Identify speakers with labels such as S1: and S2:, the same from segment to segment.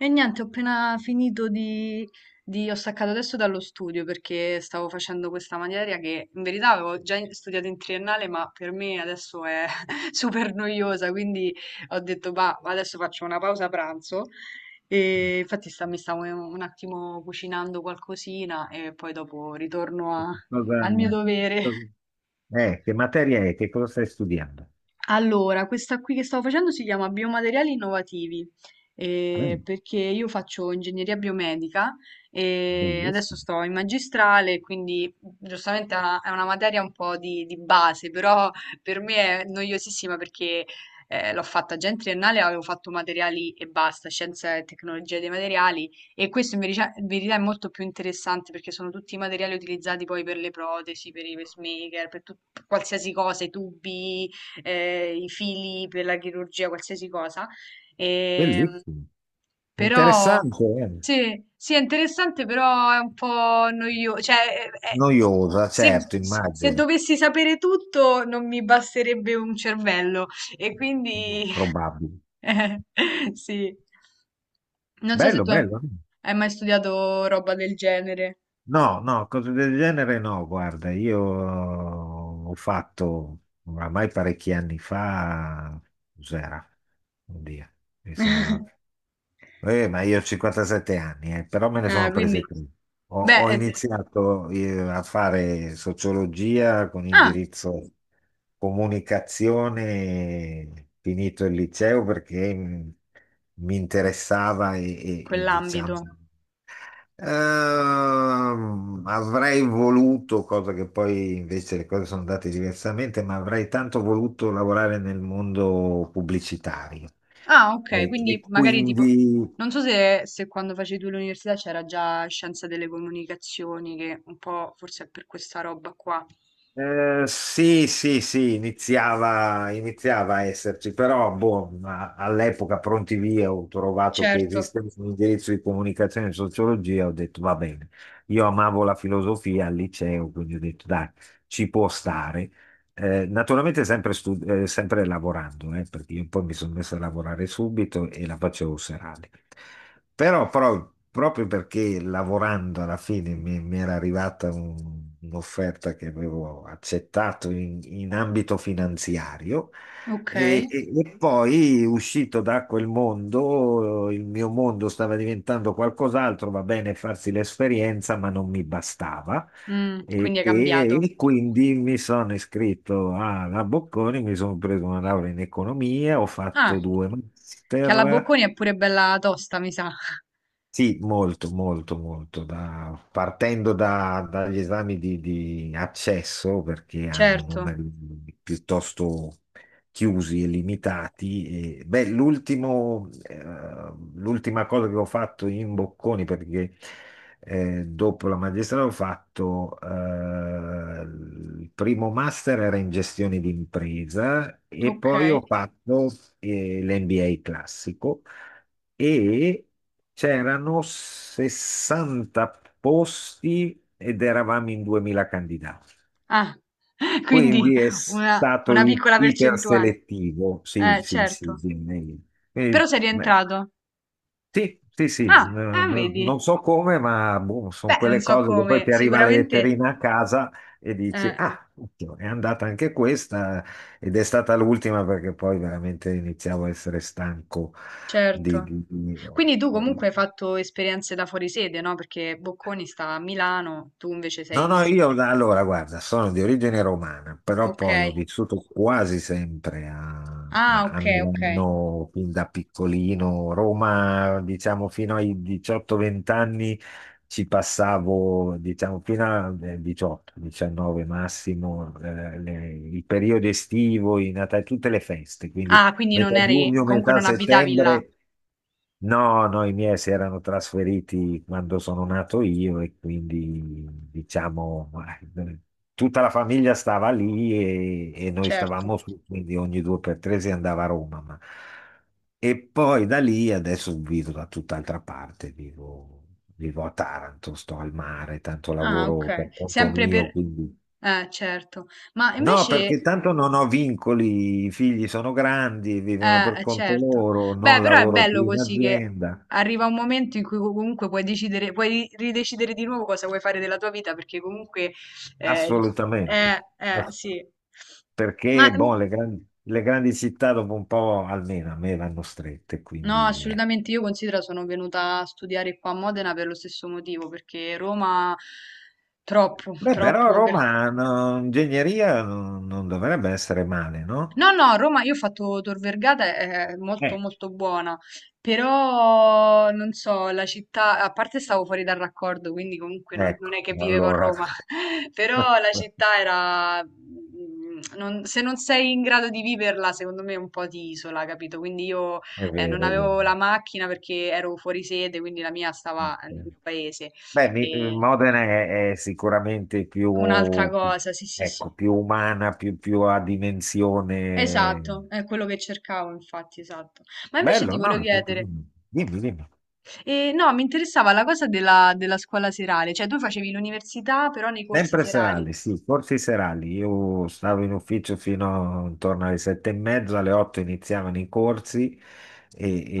S1: E niente, ho appena ho staccato adesso dallo studio perché stavo facendo questa materia che in verità avevo già studiato in triennale, ma per me adesso è super noiosa, quindi ho detto, bah, adesso faccio una pausa pranzo. E infatti mi stavo un attimo cucinando qualcosina e poi dopo ritorno a-
S2: Cosa,
S1: al mio dovere.
S2: cosa- che materia è? Che cosa stai studiando?
S1: Allora, questa qui che stavo facendo si chiama Biomateriali Innovativi,
S2: Mm,
S1: perché io faccio ingegneria biomedica e adesso
S2: bellissimo,
S1: sto in magistrale, quindi giustamente è una materia un po' di base, però per me è noiosissima perché l'ho fatta già in triennale, avevo fatto materiali e basta, scienza e tecnologia dei materiali, e questo in verità è molto più interessante perché sono tutti i materiali utilizzati poi per le protesi, per i pacemaker, per qualsiasi cosa, i tubi, i fili per la chirurgia, qualsiasi cosa. Ehm,
S2: bellissimo.
S1: Però
S2: Interessante, eh.
S1: sì, sì, è interessante, però è un po' noioso. Cioè, è- è-
S2: Noiosa,
S1: se,
S2: certo,
S1: se
S2: immagino,
S1: dovessi sapere tutto, non mi basterebbe un cervello. E quindi
S2: probabile.
S1: sì. Non so se
S2: Bello, bello.
S1: hai mai studiato roba del genere.
S2: No, no, cose del genere no, guarda, io ho fatto oramai parecchi anni fa, cos'era? Oddio, mi sa. Ma io ho 57 anni, però me ne
S1: Ah,
S2: sono
S1: quindi,
S2: prese tre. Ho,
S1: beh,
S2: ho iniziato a fare sociologia con
S1: ah,
S2: indirizzo comunicazione, finito il liceo perché mi interessava e,
S1: quell'ambito.
S2: diciamo. Avrei voluto, cosa che poi invece le cose sono andate diversamente, ma avrei tanto voluto lavorare nel mondo pubblicitario.
S1: Ah, ok,
S2: Eh,
S1: quindi
S2: e
S1: magari tipo,
S2: quindi.
S1: non so se quando facevi tu l'università c'era già scienza delle comunicazioni, che un po' forse è per questa roba qua.
S2: Sì, sì, sì, iniziava a esserci, però boh, ma all'epoca pronti via ho trovato che
S1: Certo.
S2: esisteva un indirizzo di comunicazione e sociologia, ho detto va bene. Io amavo la filosofia al liceo, quindi ho detto dai, ci può stare. Naturalmente sempre, sempre lavorando, perché io poi mi sono messo a lavorare subito e la facevo serale. Però, proprio perché lavorando alla fine mi era arrivata un'offerta che avevo accettato in ambito finanziario
S1: Ok.
S2: e poi, uscito da quel mondo, il mio mondo stava diventando qualcos'altro, va bene farsi l'esperienza, ma non mi bastava.
S1: Mm,
S2: E,
S1: quindi è
S2: e-
S1: cambiato.
S2: e quindi mi sono iscritto alla Bocconi, mi sono preso una laurea in economia, ho
S1: Ah,
S2: fatto due
S1: che
S2: master.
S1: alla Bocconi è pure bella tosta, mi sa.
S2: Sì, molto, molto, molto. Partendo dagli esami di accesso, perché hanno
S1: Certo,
S2: numeri piuttosto chiusi e limitati. Beh, l'ultima cosa che ho fatto in Bocconi, perché dopo la magistrale ho fatto il primo master era in gestione d'impresa e
S1: ok.
S2: poi ho fatto l'NBA classico. E c'erano 60 posti ed eravamo in 2000 candidati.
S1: Ah, quindi
S2: Quindi è
S1: una,
S2: stato
S1: una piccola percentuale.
S2: iperselettivo. Sì, sì,
S1: Certo.
S2: sì. Quindi,
S1: Però sei
S2: beh,
S1: rientrato.
S2: sì, sì, sì.
S1: Ah,
S2: Non
S1: vedi.
S2: so come, ma boh, sono
S1: Beh, non
S2: quelle
S1: so
S2: cose che
S1: come,
S2: poi ti arriva la
S1: sicuramente...
S2: letterina a casa e dici,
S1: Eh.
S2: ah, occhio, è andata anche questa ed è stata l'ultima perché poi veramente iniziavo a essere stanco di
S1: Certo.
S2: di- di-
S1: Quindi tu comunque hai fatto esperienze da fuori sede, no? Perché Bocconi sta a Milano, tu invece sei
S2: No,
S1: di
S2: no,
S1: giù.
S2: io allora guarda, sono di origine romana, però
S1: Ok.
S2: poi ho vissuto quasi sempre a, a-
S1: Ah, ok,
S2: a
S1: ok.
S2: Milano fin da piccolino. Roma, diciamo, fino ai 18-20 anni ci passavo, diciamo, fino a 18-19 massimo, il periodo estivo, i Natale, tutte le feste. Quindi
S1: Ah, quindi non
S2: metà
S1: eri,
S2: giugno,
S1: comunque
S2: metà
S1: non abitavi là.
S2: settembre. No, no, i miei si erano trasferiti quando sono nato io e quindi diciamo eh, tutta la famiglia stava lì e noi
S1: Certo.
S2: stavamo su, quindi ogni due per tre si andava a Roma. E poi da lì adesso vivo da tutt'altra parte, vivo a Taranto, sto al mare, tanto
S1: Ah, ok.
S2: lavoro per conto
S1: Sempre
S2: mio,
S1: per...
S2: quindi.
S1: Certo. Ma
S2: No,
S1: invece...
S2: perché tanto non ho vincoli, i figli sono grandi, vivono per conto
S1: Certo.
S2: loro,
S1: Beh,
S2: non
S1: però è
S2: lavoro più
S1: bello
S2: in
S1: così che
S2: azienda,
S1: arriva un momento in cui comunque puoi decidere, puoi ridecidere di nuovo cosa vuoi fare della tua vita, perché comunque eh,
S2: assolutamente. Ass-
S1: sì. Ma
S2: Perché,
S1: mm,
S2: boh, le grandi città dopo un po', almeno a me, vanno strette,
S1: no,
S2: quindi.
S1: assolutamente, io considero, sono venuta a studiare qua a Modena per lo stesso motivo, perché Roma troppo,
S2: Beh, però
S1: troppo.
S2: Roma, no, ingegneria non dovrebbe essere male, no?
S1: No, no, a Roma io ho fatto Tor Vergata, è molto
S2: Eh,
S1: molto buona, però non so, la città, a parte stavo fuori dal raccordo, quindi comunque non è
S2: ecco,
S1: che vivevo a
S2: allora.
S1: Roma, però la città era... se non sei in grado di viverla, secondo me è un po' di isola, capito? Quindi io,
S2: È
S1: non
S2: vero,
S1: avevo la macchina perché ero fuori sede, quindi la mia
S2: è
S1: stava nel
S2: vero.
S1: mio paese.
S2: Beh,
S1: E
S2: Modena è sicuramente più,
S1: un'altra cosa, sì, sì, sì.
S2: ecco, più umana, più a
S1: Esatto,
S2: dimensione.
S1: è quello che cercavo infatti, esatto. Ma invece ti
S2: Bello,
S1: volevo
S2: no?
S1: chiedere,
S2: Dimmi, dimmi.
S1: no, mi interessava la cosa della scuola serale, cioè tu facevi l'università però nei corsi
S2: Sempre
S1: serali,
S2: serali, sì, corsi serali. Io stavo in ufficio fino intorno alle 7:30, alle 8 iniziavano i corsi.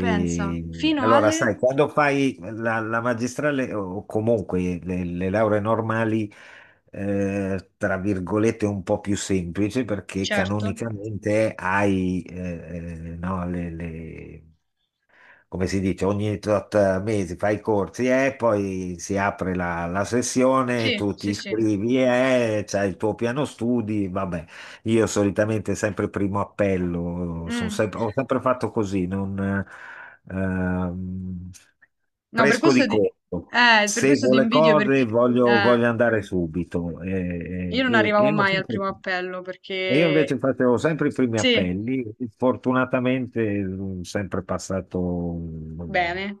S1: pensa,
S2: e-
S1: fino
S2: allora,
S1: alle...
S2: sai, quando fai la magistrale o comunque le lauree normali, tra virgolette, un po' più semplice perché
S1: Certo,
S2: canonicamente hai no, come si dice, ogni tot mesi fai i corsi e poi si apre la sessione,
S1: sì,
S2: tu ti
S1: sì, sì.
S2: iscrivi e c'hai il tuo piano studi, vabbè. Io solitamente sempre primo appello,
S1: Mm.
S2: ho sempre fatto così, non, ehm,
S1: No, per
S2: fresco di corpo.
S1: per questo
S2: Seguo
S1: ti
S2: le
S1: invidio
S2: cose,
S1: perché
S2: voglio,
S1: eh,
S2: voglio andare subito.
S1: io non
S2: E- e
S1: arrivavo
S2: io
S1: mai al
S2: sempre-
S1: primo appello
S2: e io invece
S1: perché
S2: facevo sempre i primi
S1: sì,
S2: appelli. Fortunatamente sono sempre passato.
S1: bene,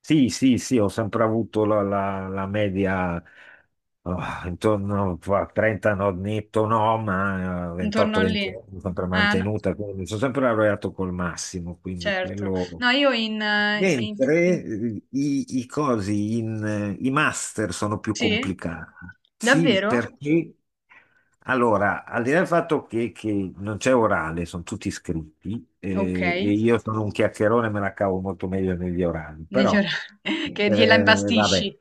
S2: Sì, sì, sì, ho sempre avuto la, la media, oh, intorno a 30, no, netto no, ma
S1: intorno a lì.
S2: 28-20 l'ho sempre
S1: No,
S2: mantenuta, quindi sono sempre laureato col massimo, quindi
S1: certo.
S2: quello.
S1: No, io in, in-
S2: Mentre
S1: in-
S2: i cosi, i master sono più
S1: Sì?
S2: complicati. Sì,
S1: Davvero?
S2: perché allora, al di là del fatto che non c'è orale, sono tutti scritti,
S1: Okay,
S2: e io sono un chiacchierone, me la cavo molto meglio negli orali,
S1: negli
S2: però
S1: ora che
S2: eh,
S1: gliela
S2: vabbè,
S1: imbastisci.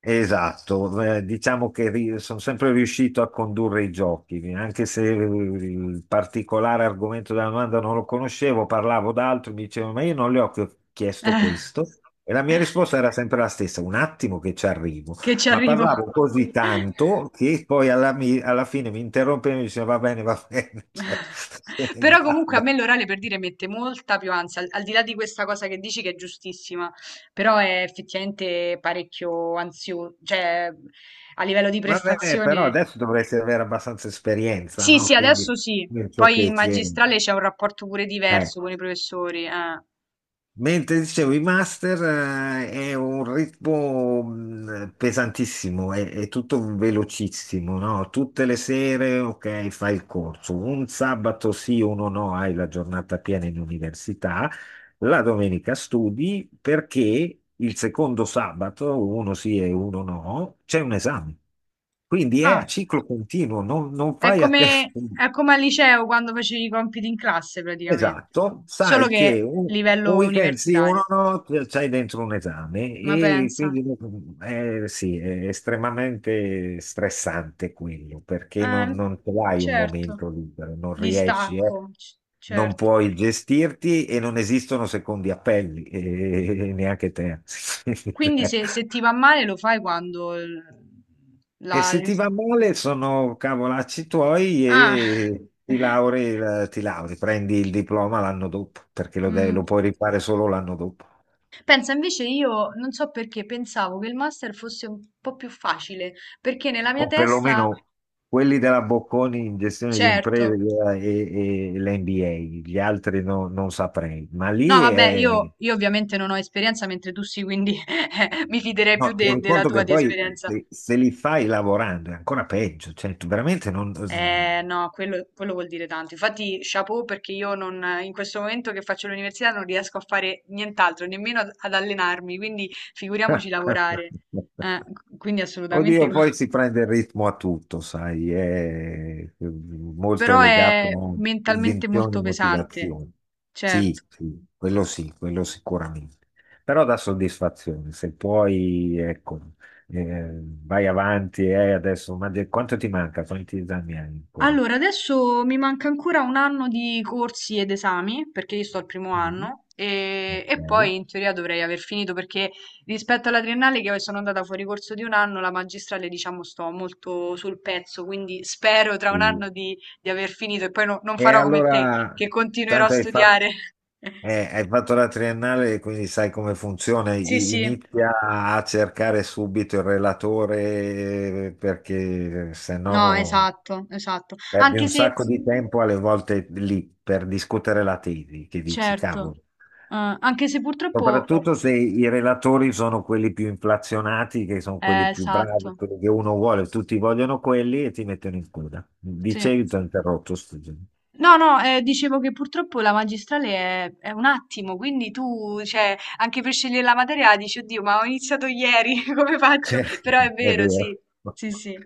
S2: esatto. Diciamo che sono sempre riuscito a condurre i giochi, anche se il particolare argomento della domanda non lo conoscevo, parlavo d'altro, mi dicevano, ma io non le ho chiesto
S1: Ah,
S2: questo. E la mia risposta era sempre la stessa, un attimo che ci arrivo,
S1: che ci
S2: ma
S1: arrivo.
S2: parlavo così tanto che poi alla fine mi interrompeva e mi diceva va bene, cioè, se ne
S1: Però comunque a
S2: vada.
S1: me l'orale per dire mette molta più ansia, al al di là di questa cosa che dici che è giustissima, però è effettivamente parecchio ansio, cioè a livello di
S2: Vabbè, però
S1: prestazione.
S2: adesso dovresti avere abbastanza esperienza,
S1: Sì,
S2: no?
S1: sì,
S2: Quindi
S1: adesso sì.
S2: nel ciò
S1: Poi
S2: che
S1: in
S2: c'è.
S1: magistrale c'è un rapporto pure
S2: Eh.
S1: diverso con i professori, eh.
S2: Mentre dicevo, i master è un ritmo pesantissimo, è tutto velocissimo, no? Tutte le sere, ok, fai il corso, un sabato sì, uno no, hai la giornata piena in università, la domenica studi perché il secondo sabato, uno sì e uno no, c'è un esame. Quindi è
S1: Ah.
S2: a ciclo continuo, non fai a tempo.
S1: È come al liceo quando facevi i compiti in classe praticamente,
S2: Esatto,
S1: solo
S2: sai che
S1: che
S2: un
S1: livello
S2: weekend sì, uno
S1: universitario.
S2: no, c'hai dentro un esame
S1: Ma
S2: e
S1: pensa,
S2: quindi sì, è estremamente stressante quello perché non,
S1: eh,
S2: non ce l'hai un
S1: certo,
S2: momento libero, non riesci, non
S1: certo.
S2: puoi gestirti e non esistono secondi appelli, e neanche te.
S1: Quindi se ti va male lo fai quando
S2: E
S1: la...
S2: se ti va male sono cavolacci tuoi
S1: Ah,
S2: e ti lauri, prendi il diploma l'anno dopo, perché lo
S1: Mm.
S2: puoi rifare solo l'anno dopo.
S1: Pensa, invece io non so perché pensavo che il master fosse un po' più facile, perché nella mia
S2: O
S1: testa,
S2: perlomeno quelli della Bocconi in gestione di imprese
S1: certo.
S2: e l'MBA, gli altri non saprei. Ma
S1: No,
S2: lì
S1: vabbè,
S2: è...
S1: io ovviamente non ho esperienza, mentre tu sì, quindi mi fiderei più
S2: No, tieni
S1: della
S2: conto
S1: tua
S2: che
S1: di
S2: poi
S1: esperienza.
S2: se li fai lavorando è ancora peggio, cioè tu veramente non.
S1: No, quello vuol dire tanto. Infatti, chapeau perché io non, in questo momento che faccio l'università non riesco a fare nient'altro, nemmeno ad allenarmi, quindi figuriamoci lavorare. Eh, quindi assolutamente.
S2: Oddio, poi si prende il ritmo a tutto, sai, è molto è
S1: Però
S2: legato
S1: è
S2: a
S1: mentalmente
S2: convinzioni e
S1: molto pesante,
S2: motivazioni. Sì,
S1: certo.
S2: sì, quello sicuramente. Però dà soddisfazione, se puoi, ecco, vai avanti e adesso, ma quanto ti manca? Quanti esami hai ancora?
S1: Allora, adesso mi manca ancora un anno di corsi ed esami, perché io sto al primo
S2: Mm.
S1: anno,
S2: Ok.
S1: e poi in teoria dovrei aver finito, perché rispetto alla triennale che sono andata fuori corso di un anno, la magistrale, diciamo, sto molto sul pezzo, quindi spero tra un anno
S2: Sì.
S1: di aver finito e poi non
S2: E
S1: farò come te,
S2: allora,
S1: che continuerò a
S2: tanto hai fatto.
S1: studiare.
S2: Hai fatto la triennale, quindi sai come funziona.
S1: Sì, sì.
S2: Inizia a cercare subito il relatore, perché se
S1: No,
S2: no
S1: esatto, esatto.
S2: perdi
S1: Anche
S2: un
S1: se,
S2: sacco di tempo alle volte lì per discutere la tesi, che dici,
S1: certo,
S2: cavolo.
S1: anche se purtroppo,
S2: Soprattutto se i relatori sono quelli più inflazionati, che sono quelli più bravi,
S1: esatto,
S2: quelli che uno vuole, tutti vogliono quelli e ti mettono in coda.
S1: sì.
S2: Dicevi, ti ho interrotto, scusa.
S1: No, no, dicevo che purtroppo la magistrale è un attimo, quindi tu, cioè, anche per scegliere la materia dici, oddio, ma ho iniziato ieri, come faccio? Però è
S2: È
S1: vero,
S2: vero.
S1: sì, sì, sì.